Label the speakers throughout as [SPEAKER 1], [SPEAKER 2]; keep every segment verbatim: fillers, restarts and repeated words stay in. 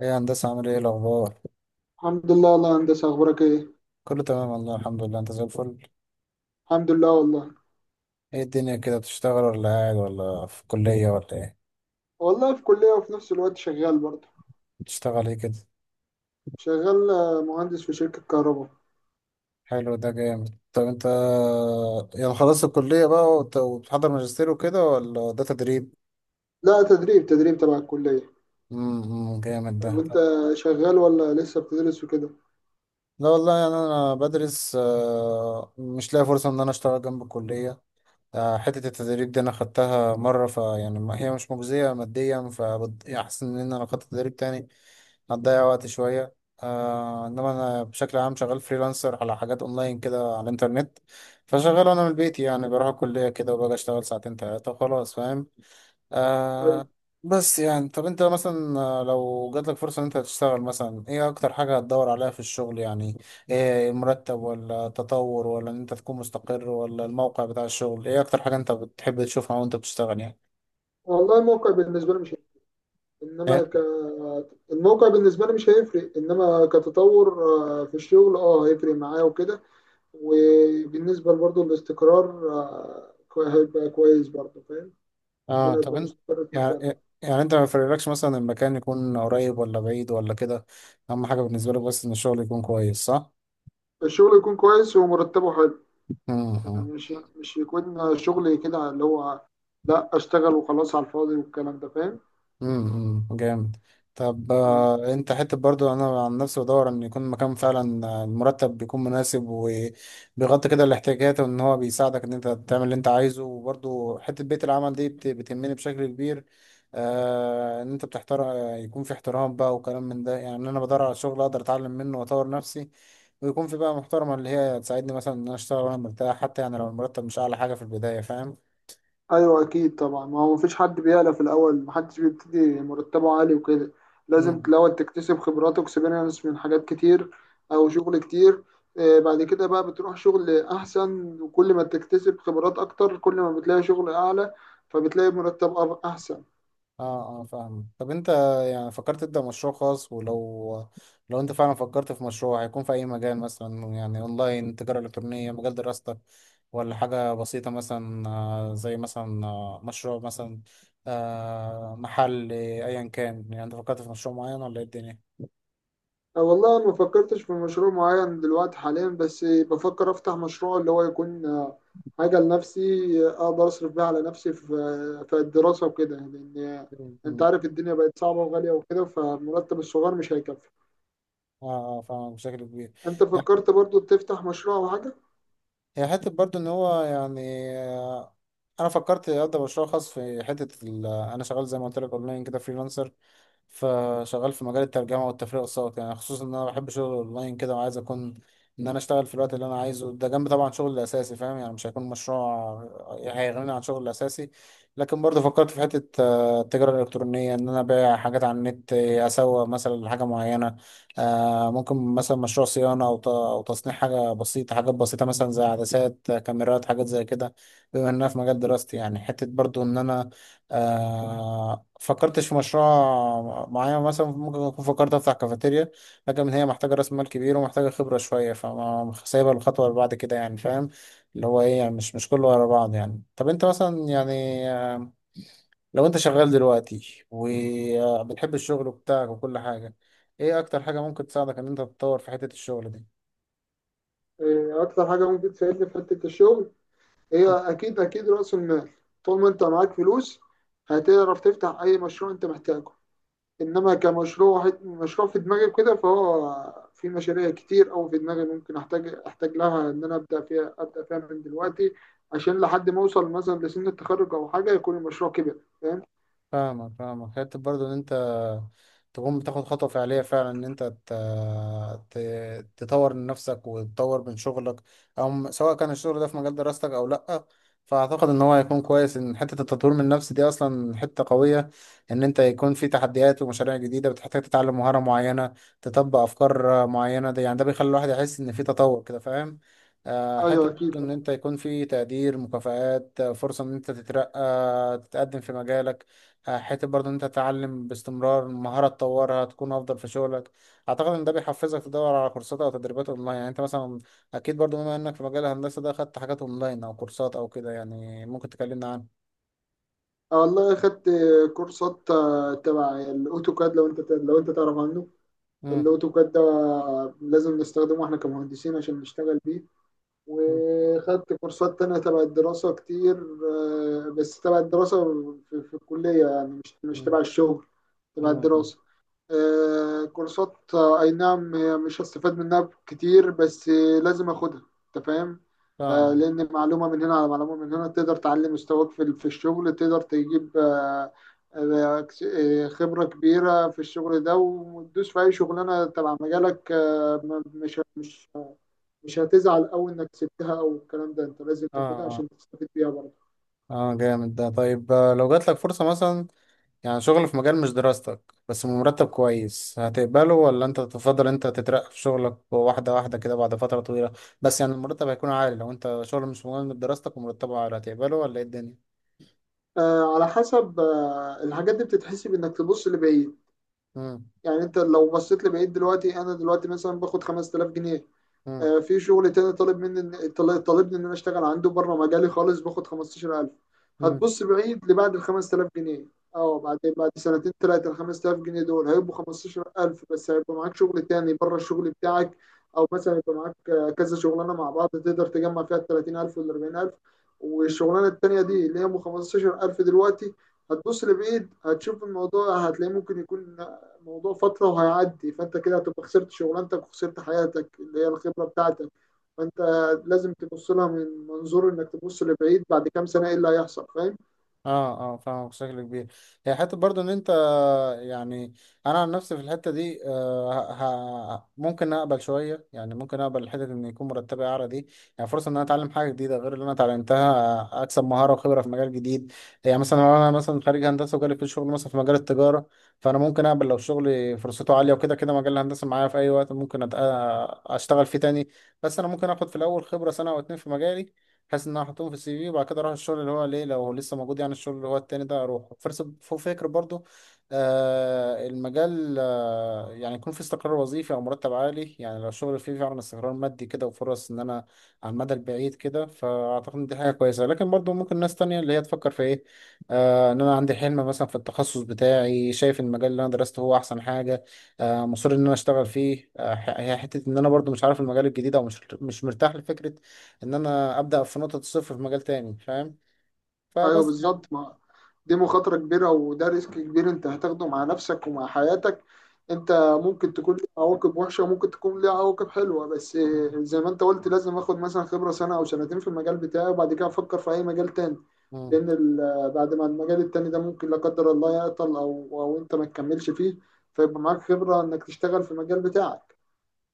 [SPEAKER 1] ايه يا هندسة، عامل ايه الأخبار؟
[SPEAKER 2] الحمد لله والله يا هندسة، أخبارك إيه؟
[SPEAKER 1] كله تمام والله، الحمد لله، انت زي الفل.
[SPEAKER 2] الحمد لله والله.
[SPEAKER 1] ايه الدنيا كده، بتشتغل ولا قاعد ولا في كلية ولا ايه؟
[SPEAKER 2] والله في كلية وفي نفس الوقت شغال برضه.
[SPEAKER 1] بتشتغل ايه كده؟
[SPEAKER 2] شغال آه، مهندس في شركة كهرباء.
[SPEAKER 1] حلو، ده جامد. طب انت يعني خلصت الكلية بقى وت- وبتحضر ماجستير وكده، ولا ده تدريب؟
[SPEAKER 2] لا، تدريب تدريب تبع الكلية.
[SPEAKER 1] امم جامد
[SPEAKER 2] طب
[SPEAKER 1] ده.
[SPEAKER 2] وأنت شغال ولا لسه بتدرس وكده؟
[SPEAKER 1] لا والله، يعني انا بدرس، آه، مش لاقي فرصة ان انا اشتغل جنب الكلية. آه، حتة التدريب دي أنا خدتها مرة، فيعني ما- هي مش مجزية ماديا، فأحسن إن أنا لو خدت تدريب تاني هتضيع وقت شوية. آه إنما أنا بشكل عام شغال فريلانسر على حاجات أونلاين كده، على الإنترنت. فشغال أنا من البيت، يعني بروح الكلية كده وباجي أشتغل ساعتين تلاتة وخلاص، فاهم.
[SPEAKER 2] أيوة.
[SPEAKER 1] آه بس يعني، طب انت مثلا، آه، لو جاتلك فرصة ان انت تشتغل، مثلا ايه اكتر حاجة هتدور عليها في الشغل يعني؟ ايه، المرتب ولا التطور، ولا ان انت تكون مستقر، ولا الموقع بتاع الشغل؟ ايه اكتر حاجة انت بتحب تشوفها وانت بتشتغل يعني؟
[SPEAKER 2] والله الموقع بالنسبة لي مش هيفرق. إنما
[SPEAKER 1] إيه؟
[SPEAKER 2] ك الموقع بالنسبة لي مش هيفرق، إنما كتطور آه، في الشغل أه هيفرق معايا وكده. وبالنسبة برضه الاستقرار آه، كوي- هيبقى كويس برضه، فاهم؟ إن
[SPEAKER 1] اه،
[SPEAKER 2] أنا
[SPEAKER 1] طب
[SPEAKER 2] أبقى
[SPEAKER 1] انت
[SPEAKER 2] مستقر في
[SPEAKER 1] يعني
[SPEAKER 2] مكان.
[SPEAKER 1] إيه، يعني انت ما يفرقلكش مثلا المكان يكون قريب ولا بعيد ولا كده، اهم حاجة بالنسبة لك بس ان الشغل يكون كويس، صح؟
[SPEAKER 2] الشغل يكون كويس ومرتبه حلو،
[SPEAKER 1] مم.
[SPEAKER 2] مش مش يكون شغل كده اللي هو لا، اشتغل وخلاص على الفاضي، والكلام ده فاهم.
[SPEAKER 1] امم جامد. طب،
[SPEAKER 2] آه.
[SPEAKER 1] آه، انت حته برضو انا عن نفسي بدور ان يكون مكان فعلا، آه، المرتب بيكون مناسب وبيغطي كده الاحتياجات، وان هو بيساعدك ان انت تعمل اللي انت عايزه، وبرضو حته بيت العمل دي بت- بتهمني بشكل كبير. آه ان انت بتحترم آه، يكون في احترام بقى، وكلام من ده، يعني انا بدور على شغل اقدر اتعلم منه واطور نفسي، ويكون في بقى محترمه اللي هي تساعدني، مثلا ان انا اشتغل وانا مرتاح، حتى يعني لو المرتب مش اعلى حاجه في البدايه، فاهم.
[SPEAKER 2] ايوه اكيد طبعا، ما هو مفيش حد بيعلى في الاول، محدش بيبتدي مرتبه عالي وكده. لازم الاول تكتسب خبرات واكسبيرينس من حاجات كتير او شغل كتير. آه، بعد كده بقى بتروح شغل احسن، وكل ما تكتسب خبرات اكتر كل ما بتلاقي شغل اعلى، فبتلاقي مرتب أب- احسن.
[SPEAKER 1] اه اه، فاهم. طب انت يعني فكرت تبدأ مشروع خاص؟ ولو لو انت فعلا فكرت في مشروع، هيكون في اي مجال مثلا؟ يعني اونلاين، تجارة الكترونية، مجال دراستك، ولا حاجة بسيطة مثلا، آه، زي مثلا، آه، مشروع مثلا، آه، محل، آه، ايا كان. يعني انت فكرت في مشروع معين ولا ايه الدنيا؟
[SPEAKER 2] أه والله، أنا ما فكرتش في مشروع معين دلوقتي حاليا، بس بفكر أفتح مشروع اللي هو يكون آه، حاجة لنفسي، آه، أقدر أصرف بيها على نفسي في في الدراسة وكده، لأن آه، أنت
[SPEAKER 1] مم.
[SPEAKER 2] عارف الدنيا بقت صعبة وغالية وكده، فالمرتب الصغير مش هيكفي.
[SPEAKER 1] اه اه، فاهم بشكل كبير.
[SPEAKER 2] أنت فكرت برضو تفتح مشروع أو حاجة؟
[SPEAKER 1] هي حتة برضو ان هو يعني، آه، انا فكرت ابدا مشروع خاص في حتة ال- انا شغال زي ما قلت لك اونلاين كده، فريلانسر. فشغال في مجال الترجمة والتفريغ الصوتي، يعني خصوصا ان انا بحب شغل اونلاين كده، وعايز اكون ان انا اشتغل في الوقت اللي انا عايزه ده، جنب طبعا شغل الاساسي، فاهم، يعني مش هيكون مشروع هيغنيني عن شغل الاساسي. لكن برضه فكرت في حتة آه، التجارة الالكترونية، ان انا ابيع حاجات على النت، آه، اسوق مثلا لحاجة معينة، آه، ممكن مثلا مشروع صيانة، أو ت- أو تصنيع حاجة بسيطة، حاجات بسيطة مثلا زي عدسات، آه، كاميرات، حاجات زي كده، بما إنها في مجال دراستي. يعني حتة برضو إن أنا، آه، فكرتش في مشروع معين، مثلا ممكن أكون فكرت أفتح كافيتيريا، لكن هي محتاجة رأس مال كبير، ومحتاجة خبرة شوية، فما سايبها الخطوة اللي بعد كده، يعني فاهم، اللي هو إيه يعني، مش مش كله ورا بعض، يعني. طب أنت مثلا، يعني، آه، لو انت شغال دلوقتي وبتحب الشغل بتاعك وكل حاجة، ايه اكتر حاجة ممكن تساعدك ان انت تتطور في حتة الشغل دي؟
[SPEAKER 2] آه، أكتر حاجة ممكن تساعدني في حتة الشغل هي أكيد أكيد رأس المال. طول ما أنت معاك فلوس هتعرف تفتح أي مشروع أنت محتاجه. انما كمشروع مشروع في دماغي وكده، فهو في مشاريع كتير او في دماغي ممكن احتاج احتاج لها ان انا ابدا فيها ابدا فيها من دلوقتي، عشان لحد ما اوصل مثلا لسن التخرج او حاجه يكون المشروع كبر، فاهم؟
[SPEAKER 1] فاهمك فاهمك، حتة برضو ان انت تقوم بتاخد خطوة فعلية فعلا، ان انت ت... ت... تطور من نفسك وتطور من شغلك، او سواء كان الشغل ده في مجال دراستك او لأ. فاعتقد ان هو هيكون كويس ان حتة التطوير من النفس دي اصلا حتة قوية، ان انت يكون في تحديات ومشاريع جديدة بتحتاج تتعلم مهارة معينة، تطبق افكار معينة، ده يعني ده بيخلي الواحد يحس ان في تطور كده، فاهم. آه، حتة
[SPEAKER 2] ايوه اكيد
[SPEAKER 1] برضو ان
[SPEAKER 2] طبعا.
[SPEAKER 1] انت يكون في تقدير، مكافآت، فرصة ان انت تترقى، تتقدم في مجالك. آه، حته برضه إن انت تتعلم باستمرار مهاره تطورها تكون افضل في شغلك. اعتقد ان ده بيحفزك تدور على كورسات او تدريبات اونلاين. يعني انت مثلا، اكيد برضه بما انك في مجال الهندسه ده، خدت حاجات اونلاين او كورسات او كده، يعني ممكن تكلمنا عنها.
[SPEAKER 2] آه والله اخدت كورسات آه، تبع الاوتوكاد، لو انت لو انت تعرف عنه.
[SPEAKER 1] مم،
[SPEAKER 2] الاوتوكاد ده لازم نستخدمه احنا كمهندسين عشان نشتغل بيه.
[SPEAKER 1] مم،
[SPEAKER 2] وخدت كورسات تانية تبع الدراسة كتير. آه، بس تبع الدراسة، في, في الكلية، يعني مش مش
[SPEAKER 1] مم،
[SPEAKER 2] تبع الشغل، تبع
[SPEAKER 1] مم.
[SPEAKER 2] الدراسة. آه، كورسات، آه، أي نعم هي مش هستفاد منها كتير، بس آه، لازم أخدها، أنت فاهم. آه،
[SPEAKER 1] فاهمك.
[SPEAKER 2] لأن معلومة من هنا على معلومة من هنا تقدر تعلي مستواك في ال- في الشغل، تقدر تجيب آه، آه، آه، خبرة كبيرة في الشغل ده، وتدوس في أي شغلانة تبع مجالك. آه، مش مش مش هتزعل قوي انك سبتها او الكلام ده، انت لازم
[SPEAKER 1] اه
[SPEAKER 2] تاخدها
[SPEAKER 1] اه
[SPEAKER 2] عشان تستفيد بيها برضه.
[SPEAKER 1] اه، جامد ده. طيب آه، لو جات لك فرصه مثلا، يعني شغل في مجال مش دراستك بس بمرتب كويس، هتقبله؟ ولا انت تفضل انت تترقى في شغلك، واحدة واحدة كده بعد فترة طويلة، بس يعني المرتب هيكون عالي؟ لو انت شغل مش مهم بدراستك ومرتبه عالي، هتقبله ولا ايه الدنيا؟
[SPEAKER 2] آه على حسب، آه الحاجات دي بتتحسب انك تبص لبعيد.
[SPEAKER 1] مم.
[SPEAKER 2] يعني انت لو بصيت لبعيد دلوقتي، انا دلوقتي مثلا باخد خمستلاف جنيه،
[SPEAKER 1] مم.
[SPEAKER 2] آه، في شغل تاني طالب مني طال- طالبني ان انا اشتغل عنده بره مجالي خالص باخد خمسة عشر ألف.
[SPEAKER 1] مم.
[SPEAKER 2] هتبص بعيد لبعد ال خمسة آلاف جنيه، اه بعد بعد سنتين ثلاثه ال خمسة آلاف جنيه دول هيبقوا خمسة عشر ألف، بس هيبقى معاك شغل تاني بره الشغل بتاعك، او مثلا يبقى معاك آه، كذا شغلانه مع بعض تقدر تجمع فيها ال ثلاثين ألف وال اربعين ألف، والشغلانه التانيه دي اللي هي ب خمسة عشر ألف دلوقتي هتبص لبعيد هتشوف الموضوع هتلاقيه ممكن يكون موضوع فترة وهيعدي، فأنت كده هتبقى خسرت شغلانتك وخسرت حياتك اللي هي الخبرة بتاعتك. فأنت لازم تبص لها من منظور إنك تبص لبعيد، بعد كام سنة إيه اللي هيحصل، فاهم؟
[SPEAKER 1] اه اه، فاهمك بشكل كبير. هي حته برضو ان انت يعني، انا عن نفسي في الحته دي، آه ه... ه- ممكن اقبل شويه، يعني ممكن اقبل الحته ان يكون مرتبي اعلى دي، يعني فرصه ان انا اتعلم حاجه جديده غير اللي انا اتعلمتها، اكسب مهاره وخبره في مجال جديد. يعني مثلا لو انا مثلا خريج هندسه وجالي في شغل مثلا في مجال التجاره، فانا ممكن اقبل لو شغلي فرصته عاليه، وكده كده مجال الهندسه معايا في اي وقت، ممكن أت... آه، اشتغل فيه تاني. بس انا ممكن اخد في الاول خبره سنه او اتنين في مجالي، بحيث ان انا احطهم في السي في، وبعد كده اروح الشغل اللي هو ليه، لو هو لسه موجود، يعني الشغل اللي هو التاني ده، اروح فرص فوق فكر برضو. آه المجال، آه يعني يكون في استقرار وظيفي او مرتب عالي، يعني لو الشغل فيه فعلا استقرار مادي كده، وفرص ان انا على المدى البعيد كده، فاعتقد ان دي حاجه كويسه. لكن برضو ممكن ناس تانية اللي هي تفكر في ايه، آه ان انا عندي حلم مثلا في التخصص بتاعي، شايف المجال اللي انا درسته هو احسن حاجه، آه مصر ان انا اشتغل فيه، آه ح- هي حته ان انا برضو مش عارف المجال الجديد، او مش مش مرتاح لفكره ان انا ابدا في نقطه الصفر في مجال تاني، فاهم.
[SPEAKER 2] ايوه
[SPEAKER 1] فبس يعني.
[SPEAKER 2] بالظبط، ما دي مخاطره كبيره، وده ريسك كبير انت هتاخده مع نفسك ومع حياتك. انت ممكن تكون ليه عواقب وحشه وممكن تكون ليه عواقب حلوه، بس زي ما انت قلت لازم اخد مثلا خبره سنه او سنتين في المجال بتاعي، وبعد كده افكر في اي مجال تاني،
[SPEAKER 1] مم.
[SPEAKER 2] لان ال- بعد ما المجال التاني ده ممكن لا قدر الله يعطل او او انت ما تكملش فيه، فيبقى معاك خبره انك تشتغل في المجال بتاعك.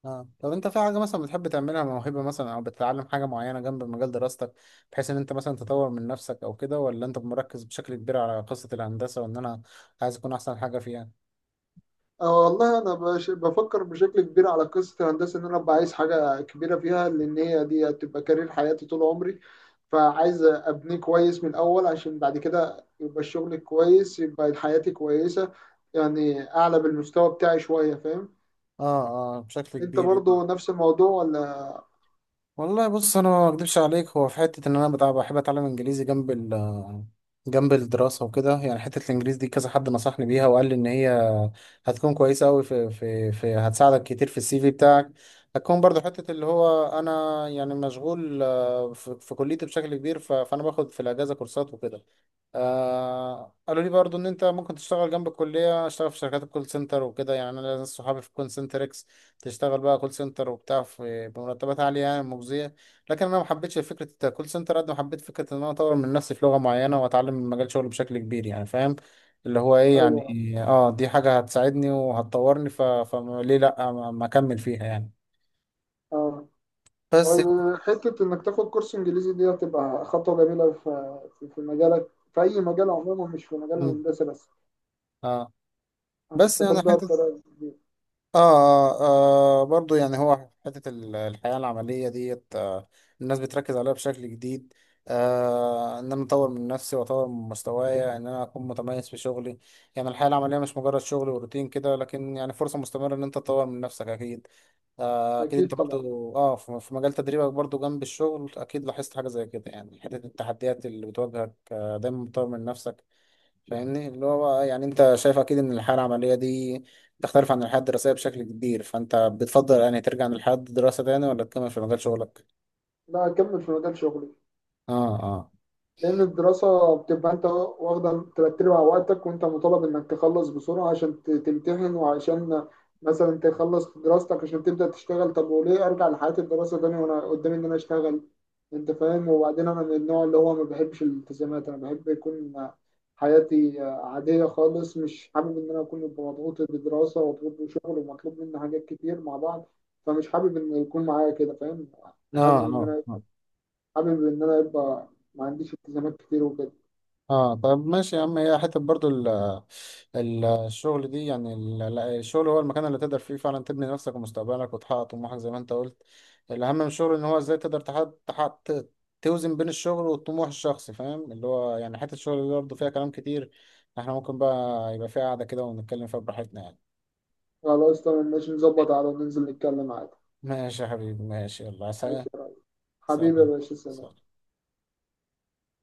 [SPEAKER 1] آه. طب انت في حاجه مثلا بتحب تعملها، موهبه مثلا، او بتتعلم حاجه معينه جنب مجال دراستك، بحيث ان انت مثلا تطور من نفسك او كده، ولا انت مركز بشكل كبير على قصه الهندسه، وان انا عايز اكون احسن حاجه فيها؟
[SPEAKER 2] اه والله، انا بش- بفكر بشكل كبير على قصه الهندسه، ان انا ابقى عايز حاجه كبيره فيها، لان هي دي هتبقى كارير حياتي طول عمري، فعايز ابنيه كويس من الاول عشان بعد كده يبقى الشغل كويس، يبقى حياتي كويسه، يعني اعلى بالمستوى بتاعي شويه، فاهم؟
[SPEAKER 1] اه اه، بشكل
[SPEAKER 2] انت
[SPEAKER 1] كبير.
[SPEAKER 2] برضو نفس الموضوع ولا؟
[SPEAKER 1] والله بص، انا ما اكدبش عليك، هو في حته ان انا بتاع بحب اتعلم انجليزي جنب ال جنب الدراسه وكده. يعني حته الانجليزي دي كذا حد نصحني بيها، وقال لي ان هي هتكون كويسه قوي في، في في هتساعدك كتير في السي في بتاعك. هتكون برضو حته اللي هو انا يعني مشغول، آه، في, في كليتي بشكل كبير، ف- فانا باخد في الاجازه كورسات وكده. آه قالوا لي برضو ان انت ممكن تشتغل جنب الكليه، اشتغل في شركات الكول سنتر وكده. يعني انا ناس صحابي في كول سنتر اكس، تشتغل بقى كول سنتر وبتاع، في بمرتبات عاليه يعني مجزيه. لكن انا ما حبيتش فكره الكول سنتر، قد ما حبيت فكره ان انا اطور من نفسي في لغه معينه، واتعلم من مجال شغلي بشكل كبير، يعني فاهم، اللي هو ايه
[SPEAKER 2] ايوه
[SPEAKER 1] يعني، اه دي حاجه هتساعدني وهتطورني، ف... فليه لا ما ما اكمل فيها، يعني.
[SPEAKER 2] اه.
[SPEAKER 1] بس يعني،
[SPEAKER 2] وال- حته انك تاخد كورس انجليزي دي هتبقى خطوه جميله في في في مجالك، في اي مجال عموما، مش في مجال
[SPEAKER 1] مم.
[SPEAKER 2] الهندسه بس،
[SPEAKER 1] اه بس يعني
[SPEAKER 2] هتستفاد بقى
[SPEAKER 1] حته،
[SPEAKER 2] بطريقه كبيره.
[SPEAKER 1] آه, آه برضو يعني، هو في حتة ال- الحياة العملية ديت، آه الناس بتركز عليها بشكل جديد، آه إن أنا أطور من نفسي وأطور من مستوايا، إن أنا أكون متميز في شغلي. يعني الحياة العملية مش مجرد شغل وروتين كده، لكن يعني فرصة مستمرة إن أنت تطور من نفسك، أكيد. آه أكيد أنت
[SPEAKER 2] اكيد طبعا.
[SPEAKER 1] برضو، آه في في مجال تدريبك برضو، جنب الشغل، أكيد لاحظت حاجة زي كده. يعني حتة التحديات اللي بتواجهك آه دايما بتطور من نفسك. فاهمني، اللي هو بقى يعني انت شايف اكيد ان الحياه العمليه دي تختلف عن الحياه الدراسيه بشكل كبير. فانت بتفضل يعني ترجع للحياه الدراسه تاني، ولا تكمل في مجال شغلك؟
[SPEAKER 2] لا، أكمل في مجال شغلي،
[SPEAKER 1] اه اه
[SPEAKER 2] لأن الدراسة بتبقى أنت واخدة ترتب على وقتك، وأنت مطالب إنك تخلص بسرعة عشان ت- تمتحن، وعشان مثلا تخلص دراستك عشان تبدأ تشتغل. طب وليه أرجع لحياة الدراسة تاني وأنا قدامي إن أنا أشتغل؟ أنت فاهم. وبعدين أنا من النوع اللي هو ما بحبش الالتزامات، أنا بحب يكون حياتي عادية خالص، مش حابب إن أنا أكون مضغوط بدراسة ومضغوط بشغل ومطلوب مني حاجات كتير مع بعض، فمش حابب إن يكون معايا كده، فاهم.
[SPEAKER 1] اه
[SPEAKER 2] حابب إن أنا
[SPEAKER 1] اه
[SPEAKER 2] حابب إن أنا يبقى ما عنديش التزامات كتير وكده.
[SPEAKER 1] اه، طب ماشي يا عم. هي حته برضو ال ال الشغل دي، يعني ال- ال- الشغل هو المكان اللي تقدر فيه فعلا تبني نفسك ومستقبلك، وتحقق طموحك، زي ما انت قلت. الاهم من الشغل ان هو ازاي تقدر تحقق تحقق ت- توزن بين الشغل والطموح الشخصي، فاهم، اللي هو يعني حته الشغل دي برضه فيها كلام كتير. احنا ممكن بقى يبقى فيها قعده كده، ونتكلم فيها براحتنا، يعني.
[SPEAKER 2] خلاص تمام ماشي، نظبط على وننزل نتكلم عادي.
[SPEAKER 1] ماشي يا حبيبي، ماشي، يلا سلام.
[SPEAKER 2] ماشي يا ريس، حبيبي يا
[SPEAKER 1] سلام.
[SPEAKER 2] باشا، سلام.
[SPEAKER 1] سلام.